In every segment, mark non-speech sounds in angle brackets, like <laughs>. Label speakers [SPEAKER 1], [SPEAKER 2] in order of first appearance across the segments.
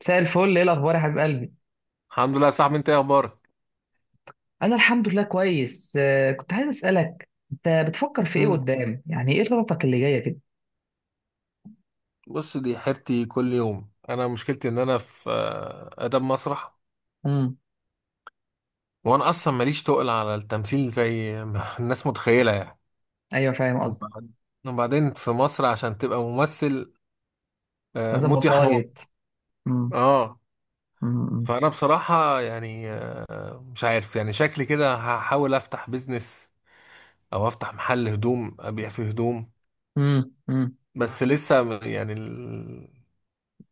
[SPEAKER 1] مساء الفل، ايه الاخبار يا حبيب قلبي؟
[SPEAKER 2] الحمد لله يا صاحبي، انت ايه اخبارك؟
[SPEAKER 1] انا الحمد لله كويس. كنت عايز اسالك انت بتفكر في ايه
[SPEAKER 2] مم.
[SPEAKER 1] قدام، يعني ايه خططك اللي جايه كده؟
[SPEAKER 2] بص، دي حيرتي كل يوم. انا مشكلتي ان انا في اداب مسرح،
[SPEAKER 1] امم.
[SPEAKER 2] وانا اصلا ماليش تقل على التمثيل زي ما <laughs> الناس متخيله يعني.
[SPEAKER 1] ايوه فاهم قصدك.
[SPEAKER 2] وبعد- وبعدين في مصر عشان تبقى ممثل،
[SPEAKER 1] لازم
[SPEAKER 2] موت يا حمار.
[SPEAKER 1] وسايط. امم.
[SPEAKER 2] اه،
[SPEAKER 1] امم.
[SPEAKER 2] فانا بصراحه يعني مش عارف، يعني شكلي كده هحاول افتح بيزنس او افتح محل هدوم ابيع فيه هدوم.
[SPEAKER 1] امم. امم.
[SPEAKER 2] بس لسه يعني،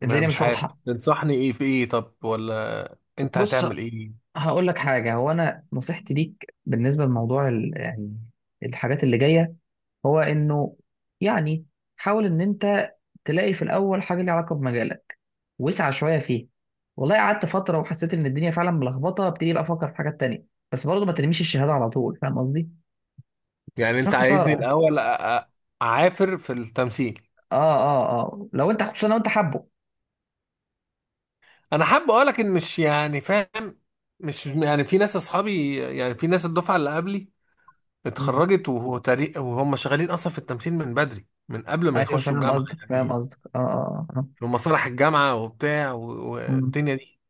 [SPEAKER 2] ما
[SPEAKER 1] الدنيا
[SPEAKER 2] مش
[SPEAKER 1] مش
[SPEAKER 2] عارف،
[SPEAKER 1] واضحه.
[SPEAKER 2] تنصحني ايه في ايه؟ طب ولا انت
[SPEAKER 1] بص،
[SPEAKER 2] هتعمل ايه؟
[SPEAKER 1] هقول لك حاجه. هو انا نصيحتي ليك بالنسبه لموضوع يعني الحاجات اللي جايه، هو انه يعني، حاول ان انت تلاقي في الاول حاجه ليها علاقه بمجالك، وسع شويه فيه. والله قعدت فتره وحسيت ان الدنيا فعلا ملخبطه، ابتدي بقى افكر في حاجات تانية. بس برضه ما ترميش الشهاده على طول، فاهم قصدي؟
[SPEAKER 2] يعني
[SPEAKER 1] عشان
[SPEAKER 2] انت
[SPEAKER 1] خساره
[SPEAKER 2] عايزني
[SPEAKER 1] يعني.
[SPEAKER 2] الاول اعافر في التمثيل؟
[SPEAKER 1] اه اه اه، لو انت خصوصا لو انت حابه.
[SPEAKER 2] انا حابب اقولك ان مش يعني فاهم، مش يعني في ناس اصحابي، يعني في ناس الدفعه اللي قبلي
[SPEAKER 1] مم.
[SPEAKER 2] اتخرجت وهو تاريخ، وهم شغالين اصلا في التمثيل من بدري، من قبل ما
[SPEAKER 1] ايوه
[SPEAKER 2] يخشوا
[SPEAKER 1] فاهم
[SPEAKER 2] الجامعه
[SPEAKER 1] قصدك، فاهم
[SPEAKER 2] يعني،
[SPEAKER 1] قصدك، اه اه اه.
[SPEAKER 2] في مسارح الجامعه وبتاع
[SPEAKER 1] مم.
[SPEAKER 2] والدنيا دي.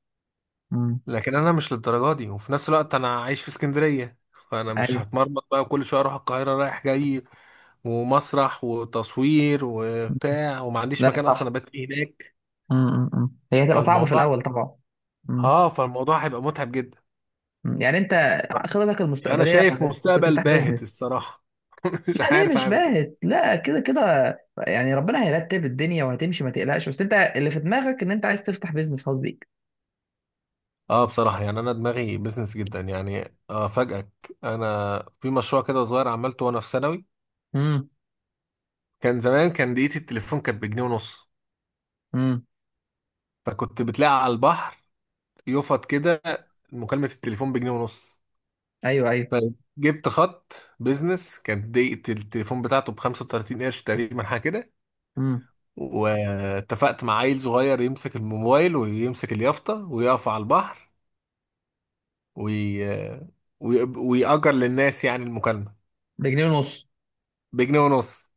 [SPEAKER 1] مم.
[SPEAKER 2] لكن انا مش للدرجه دي، وفي نفس الوقت انا عايش في اسكندريه، فانا مش
[SPEAKER 1] ايوه.
[SPEAKER 2] هتمرمط بقى كل شويه اروح القاهره رايح جاي ومسرح وتصوير
[SPEAKER 1] مم.
[SPEAKER 2] وبتاع، وما عنديش
[SPEAKER 1] لا
[SPEAKER 2] مكان اصلا
[SPEAKER 1] صح.
[SPEAKER 2] ابات فيه هناك.
[SPEAKER 1] مم. مم. مم. هي هتبقى صعبه في
[SPEAKER 2] فالموضوع
[SPEAKER 1] الاول طبعا. مم.
[SPEAKER 2] اه فالموضوع هيبقى متعب جدا.
[SPEAKER 1] مم. يعني انت خططك
[SPEAKER 2] انا
[SPEAKER 1] المستقبليه
[SPEAKER 2] شايف
[SPEAKER 1] كنت
[SPEAKER 2] مستقبل
[SPEAKER 1] تفتح
[SPEAKER 2] باهت
[SPEAKER 1] بيزنس.
[SPEAKER 2] الصراحه. <laughs> مش
[SPEAKER 1] لا ليه
[SPEAKER 2] عارف
[SPEAKER 1] مش
[SPEAKER 2] اعمل ايه.
[SPEAKER 1] باهت، لا كده كده، يعني ربنا هيرتب الدنيا وهتمشي ما تقلقش، بس انت اللي في دماغك ان انت عايز تفتح بيزنس خاص بيك.
[SPEAKER 2] اه، بصراحه يعني انا دماغي بزنس جدا، يعني افاجئك، انا في مشروع كده صغير عملته وانا في ثانوي.
[SPEAKER 1] امم.
[SPEAKER 2] كان زمان، كان دقيقه التليفون كانت بجنيه ونص،
[SPEAKER 1] امم.
[SPEAKER 2] فكنت بتلاقي على البحر يفط كده مكالمه التليفون بجنيه ونص.
[SPEAKER 1] ايوه ايوه.
[SPEAKER 2] فجبت خط بيزنس كانت دقيقة التليفون بتاعته ب 35 قرش تقريبا حاجة كده،
[SPEAKER 1] امم.
[SPEAKER 2] واتفقت مع عيل صغير يمسك الموبايل ويمسك اليافطة ويقف على البحر وي... ويأجر للناس يعني المكالمة
[SPEAKER 1] بجنيه ونص.
[SPEAKER 2] بجنيه ونص.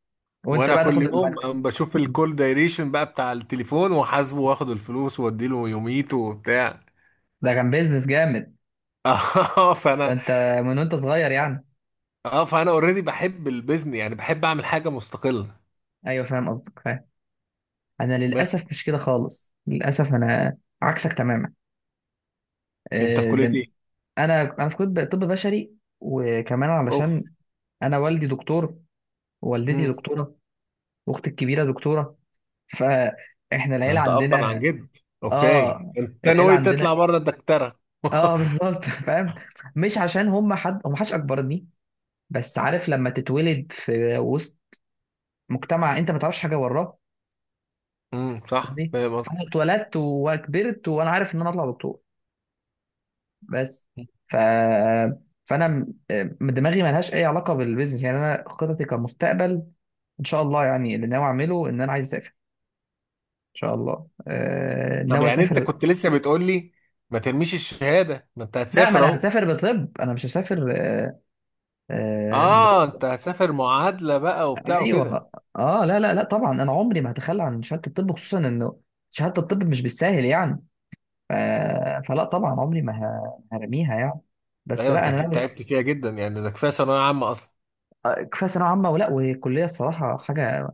[SPEAKER 1] وانت
[SPEAKER 2] وأنا
[SPEAKER 1] بقى
[SPEAKER 2] كل
[SPEAKER 1] تاخد
[SPEAKER 2] يوم
[SPEAKER 1] المكسب.
[SPEAKER 2] أم بشوف
[SPEAKER 1] أمم.
[SPEAKER 2] الكول دايريشن بقى بتاع التليفون، وحاسبه واخد الفلوس واديله يوميته وبتاع.
[SPEAKER 1] ده كان بيزنس جامد.
[SPEAKER 2] <laughs> اه،
[SPEAKER 1] ده
[SPEAKER 2] فأنا
[SPEAKER 1] انت من وانت صغير يعني.
[SPEAKER 2] اه فأنا اوريدي بحب البيزنس، يعني بحب أعمل حاجة مستقلة.
[SPEAKER 1] ايوه فاهم قصدك، فاهم. انا
[SPEAKER 2] بس
[SPEAKER 1] للاسف مش كده خالص، للاسف انا عكسك تماما.
[SPEAKER 2] أنت في كلية
[SPEAKER 1] ده
[SPEAKER 2] إيه؟
[SPEAKER 1] انا في كنت طب بشري، وكمان
[SPEAKER 2] أوف.
[SPEAKER 1] علشان انا والدي دكتور، ووالدتي دكتوره، واختي الكبيره دكتوره، فاحنا
[SPEAKER 2] ده
[SPEAKER 1] العيله
[SPEAKER 2] انت ابا عن
[SPEAKER 1] عندنا.
[SPEAKER 2] جد. اوكي،
[SPEAKER 1] اه،
[SPEAKER 2] انت
[SPEAKER 1] العيله
[SPEAKER 2] ناوي تطلع
[SPEAKER 1] عندنا.
[SPEAKER 2] بره الدكتره؟ <laughs>
[SPEAKER 1] اه بالظبط. <laughs> فاهم، مش عشان هم حد هم، حدش اكبرني، بس عارف لما تتولد في وسط مجتمع انت ما تعرفش حاجه وراه.
[SPEAKER 2] امم، صح
[SPEAKER 1] قصدي،
[SPEAKER 2] فاهم قصدي.
[SPEAKER 1] فانا اتولدت وكبرت وانا عارف ان انا اطلع دكتور. بس، ف فانا دماغي ما لهاش اي علاقه بالبيزنس، يعني انا خططي كمستقبل ان شاء الله، يعني اللي ناوي اعمله ان انا عايز اسافر، ان شاء الله.
[SPEAKER 2] طب
[SPEAKER 1] ناوي
[SPEAKER 2] يعني انت
[SPEAKER 1] اسافر.
[SPEAKER 2] كنت لسه بتقول لي ما ترميش الشهاده، ما انت
[SPEAKER 1] لا ما
[SPEAKER 2] هتسافر
[SPEAKER 1] انا
[SPEAKER 2] اهو.
[SPEAKER 1] هسافر بطب، انا مش هسافر من غير.
[SPEAKER 2] اه، انت هتسافر معادله بقى وبتاع وكده.
[SPEAKER 1] ايوه. اه لا لا لا، طبعا انا عمري ما هتخلى عن شهاده الطب، خصوصا انه شهاده الطب مش بالساهل يعني. ف... فلا طبعا، عمري ما هرميها يعني. بس
[SPEAKER 2] ايوه،
[SPEAKER 1] لا
[SPEAKER 2] انت
[SPEAKER 1] انا
[SPEAKER 2] اكيد
[SPEAKER 1] ناوي.
[SPEAKER 2] تعبت فيها جدا، يعني ده كفايه ثانويه عامه اصلا.
[SPEAKER 1] كفايه ثانويه عامه، والكليه الصراحه حاجه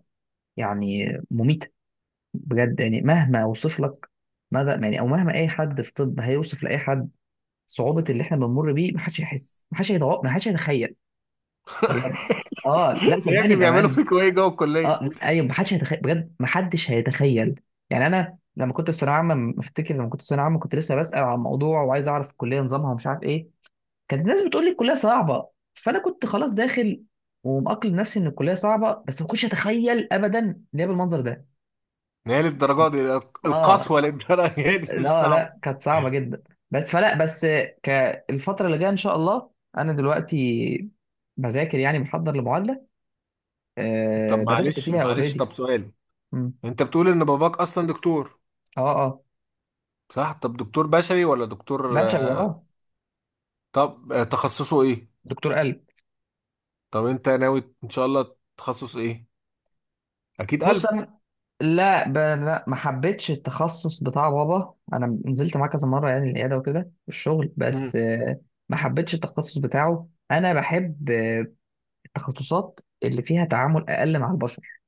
[SPEAKER 1] يعني مميته. بجد يعني، مهما اوصف لك ماذا، يعني، او مهما اي حد في طب هيوصف لاي حد صعوبه اللي احنا بنمر بيه، محدش يحس، محدش هيتوقع، محدش هيتخيل بجد. اه لا
[SPEAKER 2] <laughs> يا
[SPEAKER 1] صدقني،
[SPEAKER 2] ابني بيعملوا
[SPEAKER 1] بامان.
[SPEAKER 2] فيك ايه جوه الكليه؟
[SPEAKER 1] اه ايوه، محدش هيتخيل بجد، محدش هيتخيل. يعني انا لما كنت في ثانويه عامه افتكر، لما كنت في ثانويه عامه كنت لسه بسال عن الموضوع وعايز اعرف الكليه نظامها ومش عارف ايه. كانت الناس بتقول لي الكليه صعبه، فانا كنت خلاص داخل ومأقلم نفسي ان الكليه صعبه، بس ما كنتش اتخيل ابدا ان هي بالمنظر ده.
[SPEAKER 2] ما هي للدرجه دي؟
[SPEAKER 1] اه
[SPEAKER 2] القسوه للدرجه دي؟ <laughs> مش
[SPEAKER 1] لا لا،
[SPEAKER 2] صعبه.
[SPEAKER 1] كانت صعبه جدا. بس فلا بس كالفتره اللي جايه ان شاء الله، انا دلوقتي بذاكر يعني، بحضر لمعادله.
[SPEAKER 2] طب
[SPEAKER 1] بدات
[SPEAKER 2] معلش
[SPEAKER 1] فيها
[SPEAKER 2] معلش،
[SPEAKER 1] اوريدي.
[SPEAKER 2] طب سؤال.
[SPEAKER 1] اه
[SPEAKER 2] انت بتقول ان باباك اصلا دكتور،
[SPEAKER 1] اه
[SPEAKER 2] صح؟ طب دكتور بشري ولا دكتور
[SPEAKER 1] بشري اه.
[SPEAKER 2] طب تخصصه ايه؟
[SPEAKER 1] دكتور قلب.
[SPEAKER 2] طب انت ناوي ان شاء الله تخصص ايه؟ اكيد
[SPEAKER 1] بص
[SPEAKER 2] قلب.
[SPEAKER 1] انا، لا، لا، ما حبيتش التخصص بتاع بابا، انا نزلت معاه كذا مره يعني العياده وكده والشغل.
[SPEAKER 2] مم.
[SPEAKER 1] بس ما حبيتش التخصص بتاعه. انا بحب التخصصات اللي فيها تعامل اقل مع البشر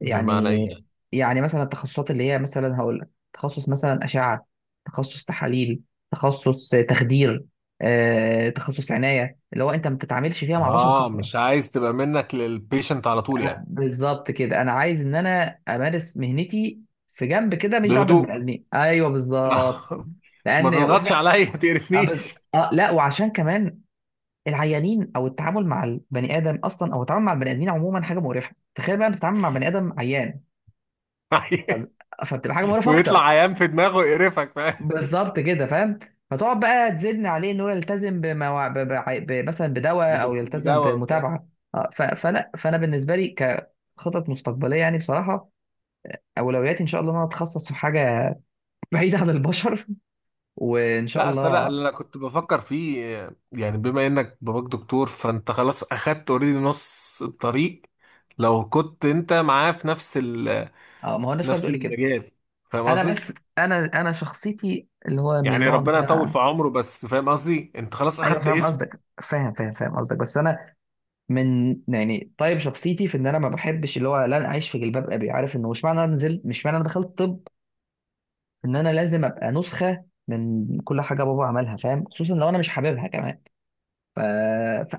[SPEAKER 2] بمعنى
[SPEAKER 1] يعني
[SPEAKER 2] ايه يعني؟
[SPEAKER 1] يعني مثلا التخصصات اللي هي، مثلا هقول لك، تخصص مثلا اشعه، تخصص تحاليل، تخصص تخدير، تخصص عنايه، اللي هو انت ما بتتعاملش فيها مع بشر
[SPEAKER 2] اه،
[SPEAKER 1] صحيح.
[SPEAKER 2] مش عايز تبقى منك للبيشنت على طول يعني.
[SPEAKER 1] بالظبط كده، انا عايز ان انا امارس مهنتي في جنب كده، مش دعوه
[SPEAKER 2] بهدوء.
[SPEAKER 1] بالبني ادمين. ايوه
[SPEAKER 2] <laughs>
[SPEAKER 1] بالظبط.
[SPEAKER 2] آه، ما
[SPEAKER 1] لان
[SPEAKER 2] تضغطش
[SPEAKER 1] وجع-
[SPEAKER 2] عليا، ما
[SPEAKER 1] آه
[SPEAKER 2] تقرفنيش.
[SPEAKER 1] بز... آه لا، وعشان كمان العيانين، او التعامل مع البني ادم اصلا، او التعامل مع البني ادمين عموما حاجه مقرفه. تخيل بقى بتتعامل مع بني ادم عيان،
[SPEAKER 2] <laughs>
[SPEAKER 1] فب- فبتبقى حاجه مقرفه اكتر.
[SPEAKER 2] ويطلع عيان في دماغه يقرفك، فاهم.
[SPEAKER 1] بالظبط كده، فاهم. فتقعد بقى تزن عليه انه يلتزم بموا... ب... ب... ب... مثلا بدواء او يلتزم
[SPEAKER 2] بدواء وبتاع.
[SPEAKER 1] بمتابعه. فلا، فانا بالنسبه لي كخطط مستقبليه يعني، بصراحه اولوياتي ان شاء الله ان انا اتخصص في حاجه <laughs> بعيده عن البشر، وان شاء
[SPEAKER 2] لا اصل انا
[SPEAKER 1] الله.
[SPEAKER 2] اللي انا كنت بفكر فيه يعني بما انك باباك دكتور، فانت خلاص اخدت اوريدي نص الطريق. لو كنت انت معاه في
[SPEAKER 1] اه ما هو الناس كلها
[SPEAKER 2] نفس
[SPEAKER 1] بتقول لي كده.
[SPEAKER 2] المجال، فاهم
[SPEAKER 1] انا بس،
[SPEAKER 2] قصدي؟
[SPEAKER 1] انا شخصيتي اللي هو من
[SPEAKER 2] يعني
[SPEAKER 1] النوع
[SPEAKER 2] ربنا يطول
[SPEAKER 1] بتاع.
[SPEAKER 2] في عمره، بس فاهم قصدي، انت خلاص
[SPEAKER 1] ايوه
[SPEAKER 2] اخدت
[SPEAKER 1] فاهم
[SPEAKER 2] اسم.
[SPEAKER 1] قصدك، فاهم فاهم فاهم قصدك، بس انا من، يعني طيب شخصيتي في ان انا ما بحبش اللي هو، لا انا عايش في جلباب ابي، عارف انه مش معنى انا نزلت، مش معنى انا دخلت طب، ان انا لازم ابقى نسخه من كل حاجه بابا عملها، فاهم، خصوصا لو انا مش حاببها كمان. ف...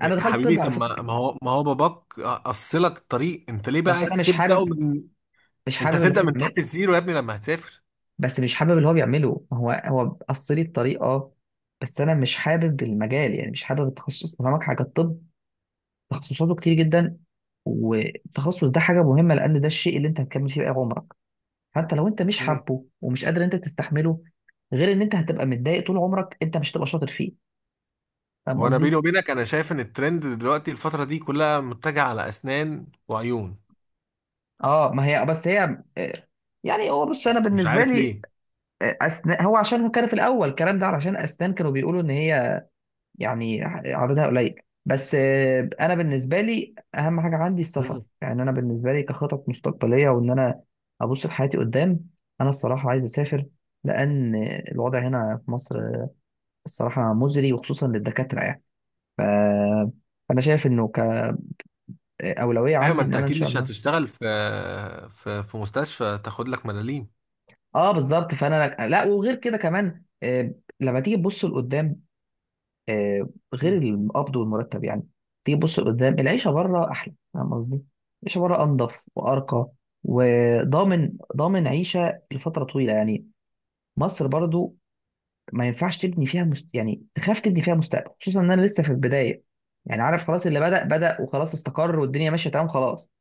[SPEAKER 2] يا
[SPEAKER 1] دخلت طب
[SPEAKER 2] حبيبي
[SPEAKER 1] على
[SPEAKER 2] طب
[SPEAKER 1] فكره.
[SPEAKER 2] ما هو باباك قصلك الطريق، انت ليه بقى
[SPEAKER 1] بس انا
[SPEAKER 2] عايز
[SPEAKER 1] مش
[SPEAKER 2] تبدأ
[SPEAKER 1] حابب،
[SPEAKER 2] من؟
[SPEAKER 1] مش
[SPEAKER 2] انت
[SPEAKER 1] حابب اللي هو،
[SPEAKER 2] هتبدأ من تحت الزيرو يا ابني لما هتسافر.
[SPEAKER 1] بس مش حابب اللي هو بيعمله، هو هو قصلي الطريق اه. بس انا مش حابب المجال يعني، مش حابب التخصص. أنا فاهمك، حاجه الطب تخصصاته كتير جدا، والتخصص ده حاجه مهمه لان ده الشيء اللي انت هتكمل فيه باقي عمرك. فانت لو انت مش
[SPEAKER 2] مم.
[SPEAKER 1] حابه ومش قادر انت تستحمله، غير ان انت هتبقى متضايق طول عمرك، انت مش هتبقى شاطر فيه، فاهم
[SPEAKER 2] وانا
[SPEAKER 1] قصدي؟
[SPEAKER 2] بيني وبينك، انا شايف ان الترند دلوقتي الفترة دي كلها متجهة على اسنان وعيون،
[SPEAKER 1] اه ما هي، بس هي يعني هو، بص انا
[SPEAKER 2] مش
[SPEAKER 1] بالنسبه
[SPEAKER 2] عارف
[SPEAKER 1] لي
[SPEAKER 2] ليه.
[SPEAKER 1] اسنان هو، عشان هو كان في الاول الكلام ده علشان اسنان كانوا بيقولوا ان هي يعني عددها قليل. بس انا بالنسبه لي اهم حاجه عندي السفر،
[SPEAKER 2] مم.
[SPEAKER 1] يعني انا بالنسبه لي كخطط مستقبليه، وان انا ابص لحياتي قدام، انا الصراحه عايز اسافر، لان الوضع هنا في مصر الصراحه مزري، وخصوصا للدكاتره يعني. ف... فانا شايف انه كاولويه
[SPEAKER 2] ايوه، ما
[SPEAKER 1] عندي ان
[SPEAKER 2] انت
[SPEAKER 1] انا ان
[SPEAKER 2] اكيد
[SPEAKER 1] شاء
[SPEAKER 2] مش
[SPEAKER 1] الله.
[SPEAKER 2] هتشتغل في مستشفى تاخد لك ملاليم.
[SPEAKER 1] اه بالظبط، فانا لا، وغير كده كمان لما تيجي تبص لقدام، آه، غير
[SPEAKER 2] مم.
[SPEAKER 1] القبض والمرتب يعني، تيجي تبص لقدام العيشه بره احلى، فاهم قصدي؟ العيشه بره انضف وارقى، وضامن ضامن عيشه لفتره طويله يعني. مصر برضو ما ينفعش تبني فيها يعني تخاف تبني فيها مستقبل، خصوصا ان انا لسه في البدايه، يعني عارف خلاص اللي بدأ بدأ وخلاص استقر والدنيا ماشيه تمام خلاص.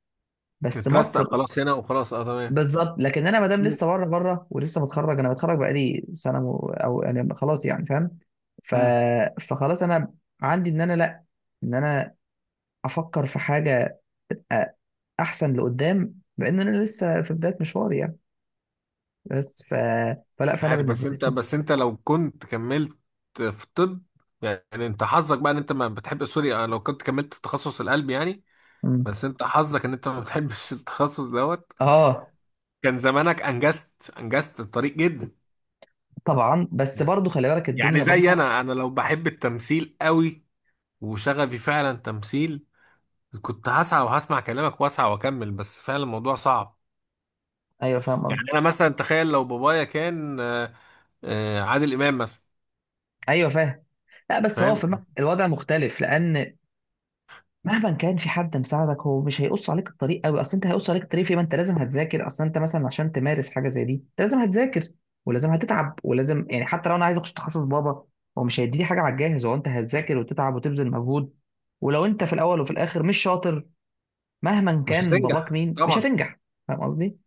[SPEAKER 1] بس
[SPEAKER 2] اترستق
[SPEAKER 1] مصر
[SPEAKER 2] خلاص هنا وخلاص، اه تمام.
[SPEAKER 1] بالظبط، لكن انا ما دام
[SPEAKER 2] مم.
[SPEAKER 1] لسه بره بره، ولسه متخرج، انا متخرج بقالي سنه او انا خلاص يعني فاهم. ف...
[SPEAKER 2] مم.
[SPEAKER 1] فخلاص انا عندي ان انا لا، ان انا افكر في حاجه أ- احسن لقدام، بان انا لسه في بدايه مشواري يعني. بس فلا
[SPEAKER 2] مش
[SPEAKER 1] فانا
[SPEAKER 2] عارف،
[SPEAKER 1] بالنسبه
[SPEAKER 2] بس
[SPEAKER 1] لي
[SPEAKER 2] انت
[SPEAKER 1] السفر.
[SPEAKER 2] بس انت لو كنت كملت في طب، يعني انت حظك بقى ان انت ما بتحب، سوري، لو كنت كملت في تخصص القلب يعني.
[SPEAKER 1] مم.
[SPEAKER 2] بس انت حظك ان انت ما بتحبش <laughs> التخصص دوت.
[SPEAKER 1] اه
[SPEAKER 2] كان زمانك انجزت الطريق جدا.
[SPEAKER 1] طبعا، بس برضو خلي بالك
[SPEAKER 2] يعني
[SPEAKER 1] الدنيا
[SPEAKER 2] زي
[SPEAKER 1] بره.
[SPEAKER 2] انا لو بحب التمثيل قوي وشغفي فعلا تمثيل، كنت هسعى وهسمع كلامك واسعى واكمل، بس فعلا الموضوع صعب.
[SPEAKER 1] ايوه فاهم
[SPEAKER 2] يعني
[SPEAKER 1] قصدي،
[SPEAKER 2] انا مثلا تخيل لو بابايا كان اه، عادل امام مثلا.
[SPEAKER 1] ايوه فاهم. لا بس هو في
[SPEAKER 2] فاهم.
[SPEAKER 1] الوضع مختلف، لان مهما كان في حد مساعدك هو مش هيقص عليك الطريق قوي. اصل انت هيقص عليك الطريق في إيه؟ ما انت لازم هتذاكر، اصل انت مثلا عشان تمارس حاجه زي دي انت لازم هتذاكر، ولازم هتتعب، ولازم يعني، حتى لو انا عايز اخش تخصص بابا هو مش هيديني حاجه على الجاهز. هو انت هتذاكر وتتعب وتبذل مجهود، ولو انت في الاول وفي الاخر مش شاطر، مهما
[SPEAKER 2] مش
[SPEAKER 1] كان باباك
[SPEAKER 2] هتنجح
[SPEAKER 1] مين مش
[SPEAKER 2] طبعا.
[SPEAKER 1] هتنجح، فاهم قصدي؟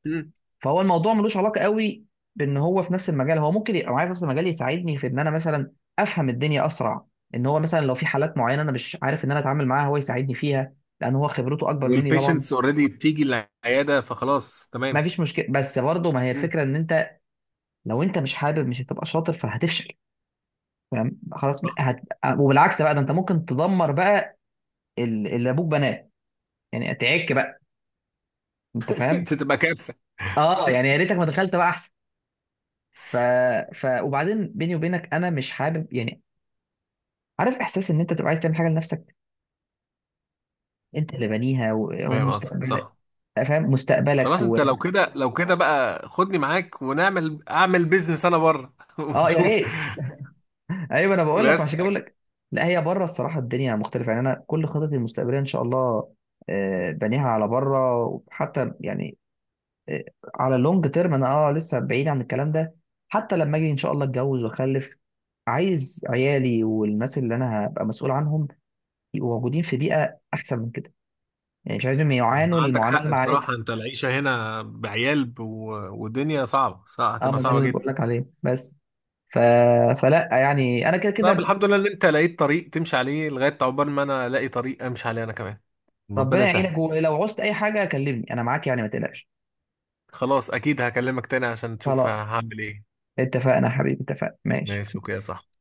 [SPEAKER 1] فهو الموضوع ملوش علاقه قوي بان هو في نفس المجال. هو ممكن يبقى معايا في نفس المجال يساعدني في ان انا مثلا افهم الدنيا اسرع، ان هو مثلا لو في حالات معينه انا مش عارف ان انا اتعامل معاها هو يساعدني فيها، لان هو خبرته اكبر مني طبعا.
[SPEAKER 2] والبيشنتس اوريدي بتيجي العياده، فخلاص
[SPEAKER 1] ما
[SPEAKER 2] تمام.
[SPEAKER 1] فيش مشكله. بس برضه ما هي
[SPEAKER 2] مم.
[SPEAKER 1] الفكره ان انت لو انت مش حابب مش هتبقى شاطر فهتفشل، فاهم. خلاص وبالعكس بقى ده انت ممكن تدمر بقى اللي ابوك بناه، يعني تعك بقى، انت
[SPEAKER 2] <laughs> انت
[SPEAKER 1] فاهم.
[SPEAKER 2] تبقى كارثه.
[SPEAKER 1] اه يعني يا ريتك ما دخلت بقى احسن. ف... وبعدين بيني وبينك انا مش حابب يعني، عارف احساس ان انت تبقى عايز تعمل حاجه لنفسك، انت اللي بانيها
[SPEAKER 2] فاهم قصدك
[SPEAKER 1] ومستقبلك،
[SPEAKER 2] صح.
[SPEAKER 1] فاهم مستقبلك
[SPEAKER 2] خلاص انت لو كده بقى خدني معاك ونعمل، اعمل بيزنس انا بره <laughs>
[SPEAKER 1] اه يا
[SPEAKER 2] ونشوف.
[SPEAKER 1] ريت. ايوه انا بقول لك
[SPEAKER 2] بس
[SPEAKER 1] عشان كده بقول لك. لا هي بره الصراحه الدنيا مختلفه يعني، انا كل خططي المستقبليه ان شاء الله بانيها على بره، وحتى يعني آه، على اللونج تيرم، انا لسه بعيد عن الكلام ده. حتى لما اجي ان شاء الله اتجوز واخلف، عايز عيالي والناس اللي انا هبقى مسؤول عنهم يبقوا موجودين في بيئه احسن من كده، يعني مش عايزهم
[SPEAKER 2] انت
[SPEAKER 1] يعانوا
[SPEAKER 2] عندك
[SPEAKER 1] المعاناه اللي
[SPEAKER 2] حق
[SPEAKER 1] انا عانيتها.
[SPEAKER 2] بصراحه، انت العيشه هنا بعيال والدنيا صعبه، صعب.
[SPEAKER 1] اه
[SPEAKER 2] هتبقى
[SPEAKER 1] ما ده اللي
[SPEAKER 2] صعبه
[SPEAKER 1] أنا
[SPEAKER 2] جدا.
[SPEAKER 1] بقول لك عليه. بس ف... فلا يعني انا كده
[SPEAKER 2] طب
[SPEAKER 1] كده.
[SPEAKER 2] الحمد لله ان انت لقيت طريق تمشي عليه، لغايه عقبال ما انا الاقي طريق امشي عليه انا كمان. ربنا
[SPEAKER 1] ربنا
[SPEAKER 2] يسهل.
[SPEAKER 1] يعينك، ولو عوزت اي حاجه كلمني، انا معاك يعني ما تقلقش.
[SPEAKER 2] خلاص اكيد هكلمك تاني عشان تشوف
[SPEAKER 1] خلاص
[SPEAKER 2] هعمل ايه.
[SPEAKER 1] اتفقنا يا حبيبي، اتفقنا، ماشي.
[SPEAKER 2] ماشي اوكي يا صاحبي.